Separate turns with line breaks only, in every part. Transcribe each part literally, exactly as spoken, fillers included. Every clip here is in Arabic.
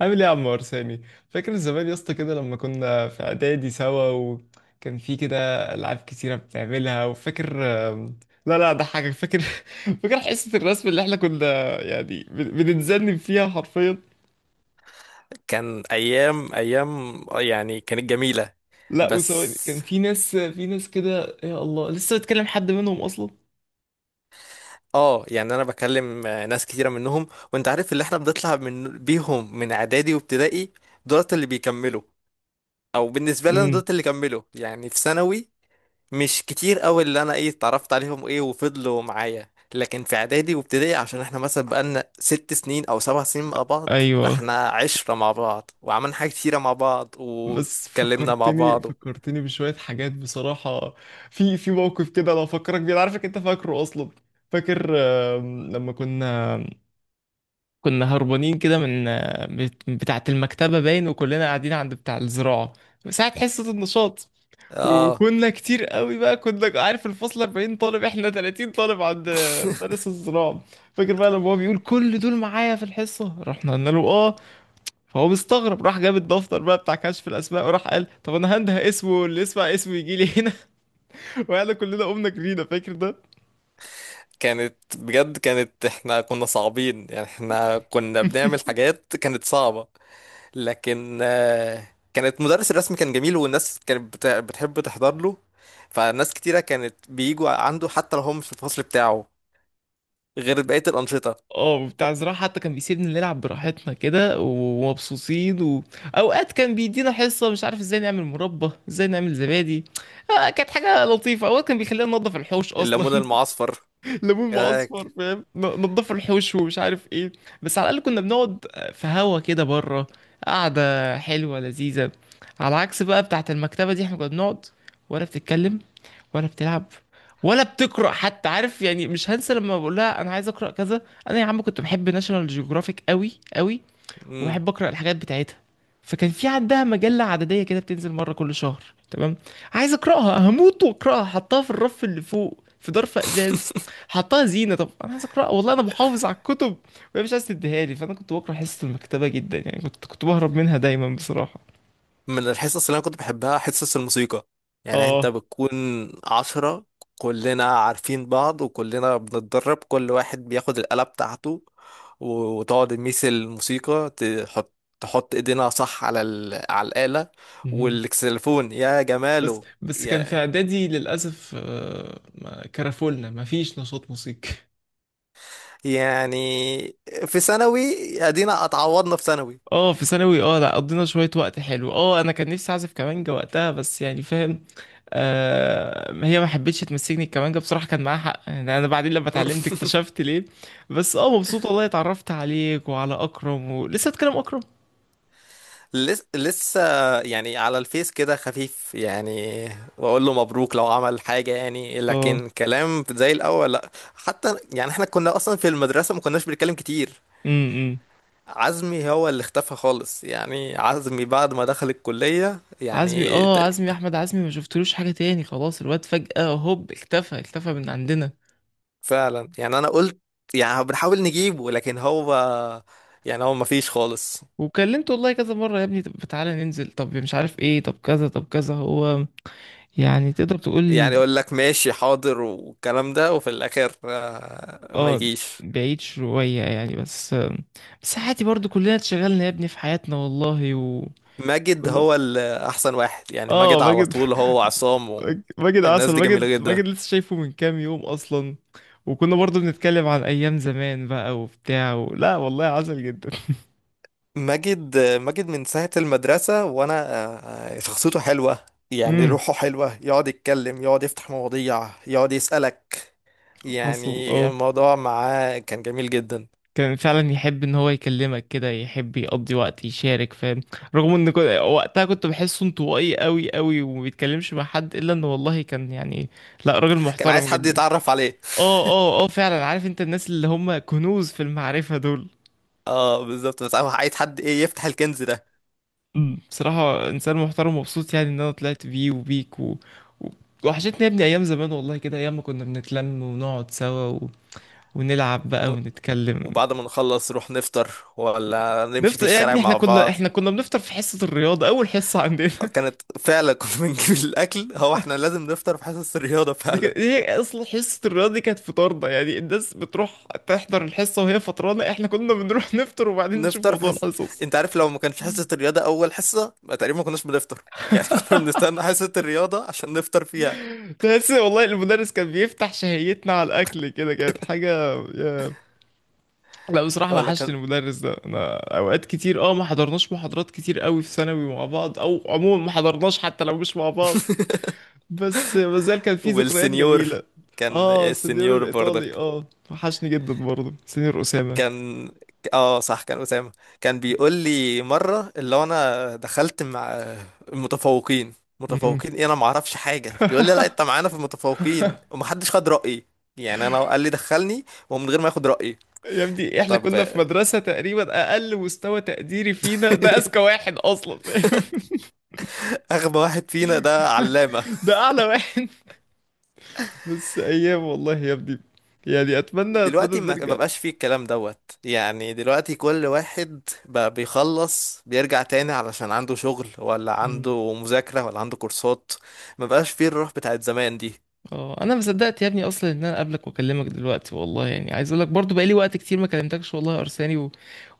عامل ايه يا عم ارساني؟ فاكر زمان يا اسطى كده لما كنا في اعدادي سوا، وكان في كده العاب كتيره بتعملها؟ وفاكر؟ آم، لا لا، ده حاجه، فاكر؟ فاكر حصه الرسم اللي احنا كنا يعني بن- بنتذنب فيها حرفيا؟
كان ايام ايام، آه يعني كانت جميله.
لا، وسواء كان
بس
في ناس في ناس كده، يا الله، لسه بتكلم حد منهم اصلا؟
اه يعني انا بكلم آه، ناس كتيره منهم. وانت عارف اللي احنا بنطلع من بيهم من اعدادي وابتدائي، دولت اللي بيكملوا. او بالنسبه لي انا
امم.
دولت اللي كملوا يعني في ثانوي. مش كتير قوي اللي انا ايه اتعرفت عليهم ايه وفضلوا معايا، لكن في اعدادي وابتدائي عشان احنا مثلا بقالنا ست سنين او سبع سنين مع بعض،
ايوه.
فاحنا عشرة مع بعض، وعملنا حاجات كتيره مع بعض،
بس
واتكلمنا مع
فكرتني،
بعض.
فكرتني بشويه حاجات بصراحه. في في موقف كده لو افكرك بيه، أنا عارفك انت فاكره اصلا. فاكر؟ آم، لما كنا كنا هربانين كده من بت- بتاعة المكتبة، باين، وكلنا قاعدين عند بتاع الزراعة ساعة حصة النشاط.
اه
وكنا كتير قوي بقى، كنا عارف الفصل أربعين طالب، احنا ثلاثين طالب عند مدرس الزراعة. فاكر بقى لما هو بيقول كل دول معايا في الحصة؟ رحنا قلنا له اه. فهو مستغرب، راح جاب الدفتر بقى بتاع كشف الاسماء، وراح قال، طب انا هنده اسمه، اللي يسمع اسمه يجي لي هنا. وقعدنا كلنا قمنا جرينا، فاكر ده؟
كانت بجد، كانت احنا كنا صعبين، يعني احنا كنا بنعمل حاجات كانت صعبة. لكن آه، كانت مدرس الرسم كان جميل، والناس كانت بت- بتحب تحضر له. فناس كتيرة كانت بيجوا عنده، حتى لو هم مش في الفصل بتاعه، غير بقية الأنشطة.
اه، بتاع زراعة حتى كان بيسيبنا نلعب براحتنا كده ومبسوطين و... اوقات كان بيدينا حصة، مش عارف ازاي نعمل مربى، ازاي نعمل زبادي. آه، كانت حاجة لطيفة. اوقات كان بيخلينا ننضف الحوش
الليمون
اصلا.
المعصفر.
ليمون
آه،
معصفر،
ك-
فاهم؟ ن- نضفوا الحوش ومش عارف ايه. بس على الاقل كنا بنقعد في هوا كده، بره، قعده حلوه لذيذه. على عكس بقى بتاعه المكتبه دي، احنا كنا بنقعد، ولا بتتكلم، ولا بتلعب، ولا بتقرا حتى، عارف يعني. مش هنسى لما بقول لها انا عايز اقرا كذا. انا يا عم كنت بحب ناشونال جيوغرافيك قوي قوي،
مم.
وبحب اقرا الحاجات بتاعتها. فكان في عندها مجله عدديه كده بتنزل مره كل شهر. تمام. عايز اقراها، هموت واقراها، حطها في الرف اللي فوق في ظرف ازاز. حطها زينه. طب انا عايز اقراها، والله انا محافظ على الكتب، وهي مش عايز تديها لي. فانا كنت بكره حصه المكتبه جدا، يعني كنت كنت بهرب منها دايما بصراحه.
من الحصص اللي انا كنت بحبها حصص الموسيقى، يعني انت
اه.
بتكون عشرة، كلنا عارفين بعض، وكلنا بنتدرب، كل واحد بياخد الآلة بتاعته، و- وتقعد تميس الموسيقى، تحط تحط ايدينا صح على ال... على الآلة.
مهم.
والكسلفون يا
بس
جماله.
بس كان في
يا
اعدادي للاسف، آه، ما- كرفولنا ما فيش نشاط موسيقي.
يعني في ثانوي ادينا اتعوضنا في ثانوي.
اه، في ثانوي، اه، لا، قضينا شوية وقت حلو. اه، انا كان نفسي اعزف كمانجة وقتها، بس يعني، فاهم. آه، هي ما حبتش تمسكني الكمانجة بصراحة، كان معاها حق يعني، انا بعدين لما اتعلمت اكتشفت ليه. بس اه، مبسوط والله اتعرفت عليك وعلى اكرم، ولسه اتكلم اكرم.
لس- لسه يعني، على الفيس كده خفيف يعني، بقول له مبروك لو عمل حاجة يعني،
اه.
لكن كلام زي الأول لا حتى، يعني احنا كنا أصلا في المدرسة ما كناش بنتكلم كتير.
امم.
عزمي هو اللي اختفى خالص، يعني عزمي بعد ما دخل الكلية
عزمي،
يعني
اه، عزمي،
تق-
احمد عزمي ما شفتلوش حاجة تاني خلاص. الواد فجأة هوب، اختفى، اختفى من عندنا.
فعلا، يعني أنا قلت يعني بنحاول نجيبه، لكن هو يعني هو ما فيش خالص.
وكلمته والله كذا مرة، يا ابني طب تعالى ننزل، طب مش عارف ايه، طب كذا، طب كذا. هو يعني تقدر
يعني
تقول
يقول لك ماشي حاضر والكلام ده، وفي الآخر آه، ما
اه،
يجيش.
بعيد شوية يعني. بس، بس عادي، برضو كلنا اتشغلنا يا ابني في حياتنا، والله. و...
ماجد
كله.
هو الأحسن واحد، يعني
اه،
ماجد على
ماجد.
طول، هو عصام.
ماجد
والناس
عسل.
دي جميلة
ماجد،
جدا.
ماجد لسه شايفه من كام يوم اصلا. وكنا برضو بنتكلم عن ايام زمان بقى وبتاع و... لا والله عسل جدا.
ماجد ماجد من ساعة المدرسة وأنا، آه، شخصيته حلوة. يعني
امم.
روحه حلوة، يقعد يتكلم، يقعد يفتح مواضيع، يقعد يسألك،
حصل
يعني
اه.
الموضوع معاه كان جميل جدا.
كان فعلا يحب ان هو يكلمك كده، يحب يقضي وقت، يشارك، فاهم. رغم ان كنت... وقتها كنت بحسه انطوائي قوي قوي وما بيتكلمش مع حد، الا انه والله كان، يعني لا، راجل
كان
محترم
عايز حد
جدا.
يتعرف عليه.
اه، اه، اه، فعلا. عارف انت الناس اللي هم كنوز في المعرفة دول.
اه، بالظبط. بس أنا عايز حد ايه يفتح الكنز ده.
مم. بصراحة انسان محترم. ومبسوط يعني ان انا طلعت بيه وبيك و... و... وحشتني يا ابني ايام زمان، والله، كده، ايام ما كنا بنتلم ونقعد سوا و... ونلعب بقى
و-
ونتكلم.
وبعد ما نخلص نروح نفطر، ولا نمشي في
نفطر يا
الشارع
ابني، احنا
مع
كنا
بعض.
احنا كنا بنفطر في حصة الرياضة، اول حصة عندنا.
كانت فعلا، كنا بنجيب الاكل. هو احنا لازم نفطر في حصص الرياضه
دي
فعلا.
كانت هي اصلا، حصة الرياضة دي كانت فطارنا. يعني الناس بتروح تحضر الحصة وهي فطرانة، احنا كنا بنروح نفطر وبعدين نشوف
نفطر في
موضوع
حص...
الحصص.
انت عارف، لو ما كانش حصه الرياضه اول حصه، ما تقريبا ما كناش بنفطر. يعني كنا بنستنى حصه الرياضه عشان نفطر فيها.
بس والله المدرس كان بيفتح شهيتنا على الأكل كده، كانت حاجة. يا- لا بصراحة،
ولا
وحشني
كان.
المدرس ده. أنا أوقات كتير، أه، ما حضرناش محاضرات كتير قوي في ثانوي مع بعض، أو عموما ما حضرناش حتى لو مش مع بعض. بس مازال كان في ذكريات
والسنيور،
جميلة.
كان
أه، سنيور
السنيور
الإيطالي،
برضك.
أه، وحشني جدا برضه سنيور أسامة.
كان، اه صح، كان أسامة. كان بيقول لي مرة اللي هو انا دخلت مع المتفوقين.
مم.
متفوقين ايه؟ انا ما اعرفش حاجة. بيقول لي لا، انت معانا في المتفوقين، ومحدش خد رأيي. يعني انا قال لي دخلني، ومن غير ما ياخد رأيي.
يا ابني احنا
طب
كنا في مدرسة تقريبا أقل مستوى تقديري فينا ده أذكى واحد أصلا، فاهم؟
اغبى واحد فينا ده علامة.
ده أعلى واحد. بس ايام والله يا ابني. يعني اتمنى، اتمنى
دلوقتي ما
ترجع.
ما بقاش فيه الكلام دوت، يعني دلوقتي كل واحد بقى بيخلص بيرجع تاني علشان عنده شغل، ولا
مم.
عنده مذاكرة، ولا عنده كورسات. ما بقاش فيه الروح بتاعت زمان دي.
اه، انا ما صدقت يا ابني اصلا ان انا اقابلك واكلمك دلوقتي، والله. يعني عايز اقول لك برضو بقالي وقت كتير ما كلمتكش والله يا ارساني و...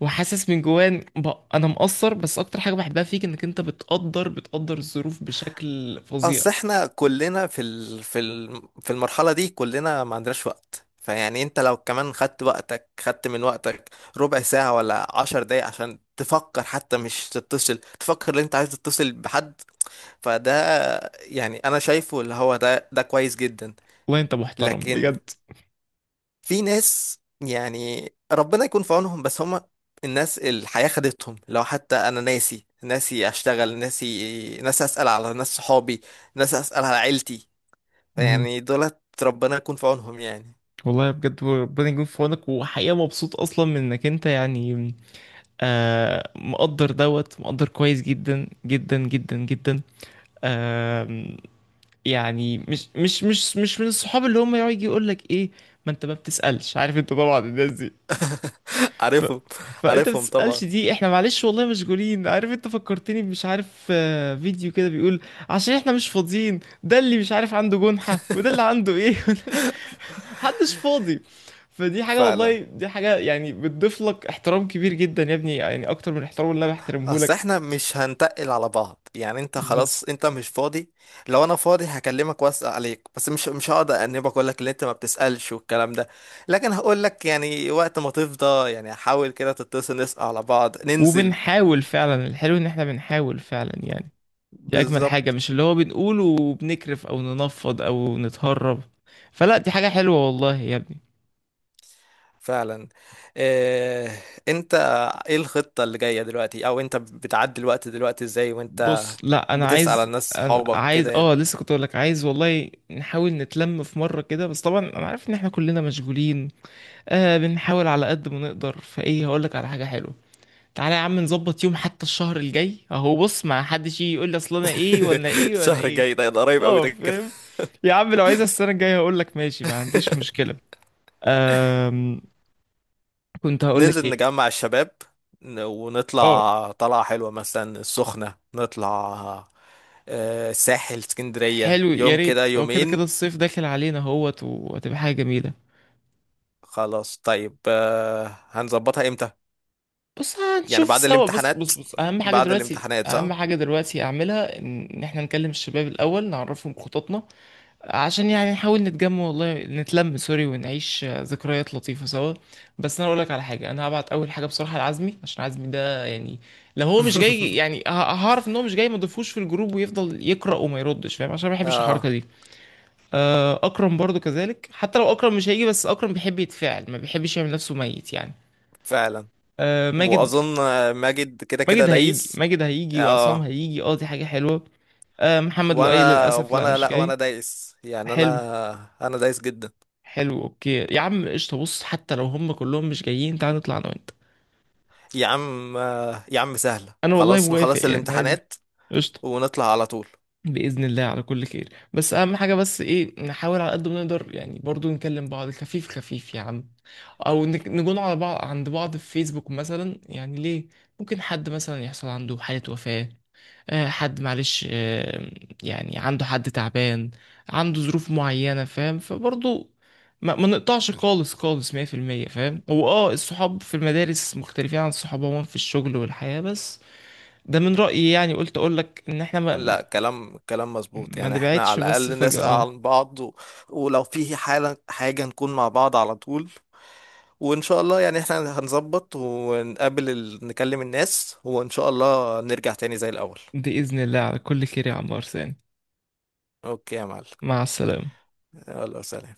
وحاسس من جوان ب... انا مقصر. بس اكتر حاجه بحبها فيك انك انت بتقدر بتقدر الظروف بشكل فظيع.
اصل احنا كلنا في ال... في ال... في المرحله دي، كلنا ما عندناش وقت، فيعني انت لو كمان خدت وقتك خدت من وقتك ربع ساعه ولا عشر دقايق عشان تفكر، حتى مش تتصل، تفكر ان انت عايز تتصل بحد. فده يعني انا شايفه اللي هو ده ده كويس جدا.
والله انت محترم
لكن
بجد.
في ناس، يعني ربنا يكون في عونهم، بس هم الناس الحياة خدتهم، لو حتى أنا ناسي ناسي أشتغل، ناسي ناسي أسأل على ناس صحابي، ناسي أسأل على عيلتي.
مهم.
يعني دولت ربنا يكون في عونهم يعني.
والله بجد ربنا يكون في عونك. وحقيقة مبسوط أصلا من إنك أنت يعني آه مقدر، دوت مقدر كويس جدا جدا جدا جدا. يعني مش مش مش مش من الصحاب اللي هم يقعد يجي يقول لك ايه، ما انت ما بتسألش، عارف انت طبعا الناس دي. ف...
عارفهم.
فانت ما
عارفهم طبعا.
بتسألش. دي احنا معلش والله مشغولين. عارف انت فكرتني، مش عارف آه، فيديو كده بيقول عشان احنا مش فاضيين، ده اللي مش عارف عنده جنحة، وده اللي عنده ايه، وده اللي- محدش فاضي. فدي حاجة، والله
فعلا.
دي حاجة يعني بتضيف لك احترام كبير جدا يا ابني، يعني اكتر من الاحترام اللي انا بحترمه
اصل
لك.
احنا مش هنتقل على بعض، يعني انت
مهم.
خلاص، انت مش فاضي. لو انا فاضي هكلمك واسأل عليك، بس مش مش هقعد انبك اقول لك اللي انت ما بتسألش والكلام ده. لكن هقول لك يعني وقت ما تفضى، يعني حاول كده تتصل، نسأل على بعض، ننزل.
وبنحاول فعلا. الحلو ان احنا بنحاول فعلا، يعني، دي اجمل حاجة،
بالظبط.
مش اللي هو بنقوله وبنكرف او ننفض او نتهرب. فلا، دي حاجة حلوة والله يا ابني.
فعلا. إيه انت، ايه الخطة اللي جاية دلوقتي، او انت بتعدي الوقت دلوقتي ازاي، وانت
بص، لا انا
بتسأل على
عايز،
الناس
أنا
صحابك
عايز،
كده يعني؟
اه لسه كنت اقول لك، عايز والله نحاول نتلم في مرة كده، بس طبعا انا عارف ان احنا كلنا مشغولين. آه، بنحاول على قد ما نقدر. فايه، هقول لك على حاجة حلوة. تعالى يا عم نظبط يوم، حتى الشهر الجاي اهو. بص ما حدش يجي يقول لي اصل انا ايه وانا ايه وانا
الشهر
ايه.
الجاي، ده ده قريب قوي
اه
ده كده.
فاهم. يا عم لو عايز السنة الجاية هقول لك ماشي، ما عنديش مشكلة. أم... كنت هقول لك.
ننزل نجمع الشباب، ن-
اه،
ونطلع طلعة حلوة، مثلا السخنة نطلع آه، الساحل، اسكندرية،
حلو، يا
يوم كده
ريت، هو كده كده
يومين.
الصيف داخل علينا اهوت وهتبقى حاجه جميله.
خلاص طيب. آه، هنظبطها امتى؟
بص
يعني
هنشوف
بعد
سوا، بص
الامتحانات.
بص بص، اهم حاجه
بعد
دلوقتي،
الامتحانات
اهم
صح؟
حاجه دلوقتي اعملها، ان إن احنا نكلم الشباب الاول، نعرفهم خططنا. عشان يعني نحاول نتجمع، والله نتلم سوري، ونعيش آه، ذكريات لطيفه سوا. بس انا اقول لك على حاجه، انا هبعت اول حاجه بصراحه لعزمي عشان عزمي ده يعني، لو هو مش جاي يعني ه- هعرف ان هو مش جاي، ما اضيفوش في الجروب ويفضل يقرا وما يردش، فاهم، عشان ما بحبش
اه،
الحركه دي. آه، اكرم برضو كذلك، حتى لو اكرم مش هيجي، بس اكرم بيحب يتفاعل، ما بيحبش يعمل نفسه ميت يعني.
فعلا.
آه، ماجد،
واظن ماجد كده كده
ماجد هيجي،
دايس.
ماجد هيجي، وعصام
اه،
هيجي، اه دي حاجة حلوة. آه، محمد لؤي
وانا
للأسف لا،
وانا
مش
لا، وانا
جاي.
دايس، يعني
حلو.
انا انا دايس جدا.
حلو، اوكي يا عم، قشطة. بص حتى لو هم كلهم مش جايين، تعال نطلع انا وانت.
يا عم، يا عم سهلة،
انا والله
خلاص
موافق،
نخلص
يعني عادي.
الامتحانات
قشطة.
ونطلع على طول.
بإذن الله على كل خير. بس أهم حاجة، بس إيه، نحاول على قد ما نقدر يعني برضو نكلم بعض خفيف خفيف يا عم. أو نك- نكون على بعض عند بعض في فيسبوك مثلا يعني، ليه؟ ممكن حد مثلا يحصل عنده حالة وفاة، آه، حد معلش، آه، يعني عنده حد تعبان، عنده ظروف معينة، فاهم؟ فبرضو ما, ما نقطعش خالص خالص مية في المية فاهم. هو اه الصحاب في المدارس مختلفين عن الصحاب عموما في الشغل والحياة، بس ده من رأيي يعني. قلت اقول لك ان احنا ما
لا، كلام كلام مظبوط،
ما
يعني احنا على
نبعدش بس
الأقل
فجأة
نسأل
اه.
عن بعض و... ولو في حالة حاجة نكون مع بعض على طول. وإن شاء الله يعني احنا هنظبط، ونقابل ال... نكلم الناس، وإن شاء الله نرجع تاني زي الأول.
بإذن الله على كل خير يا عمار ثاني.
أوكي يا معلم.
مع السلامة.
يلا سلام.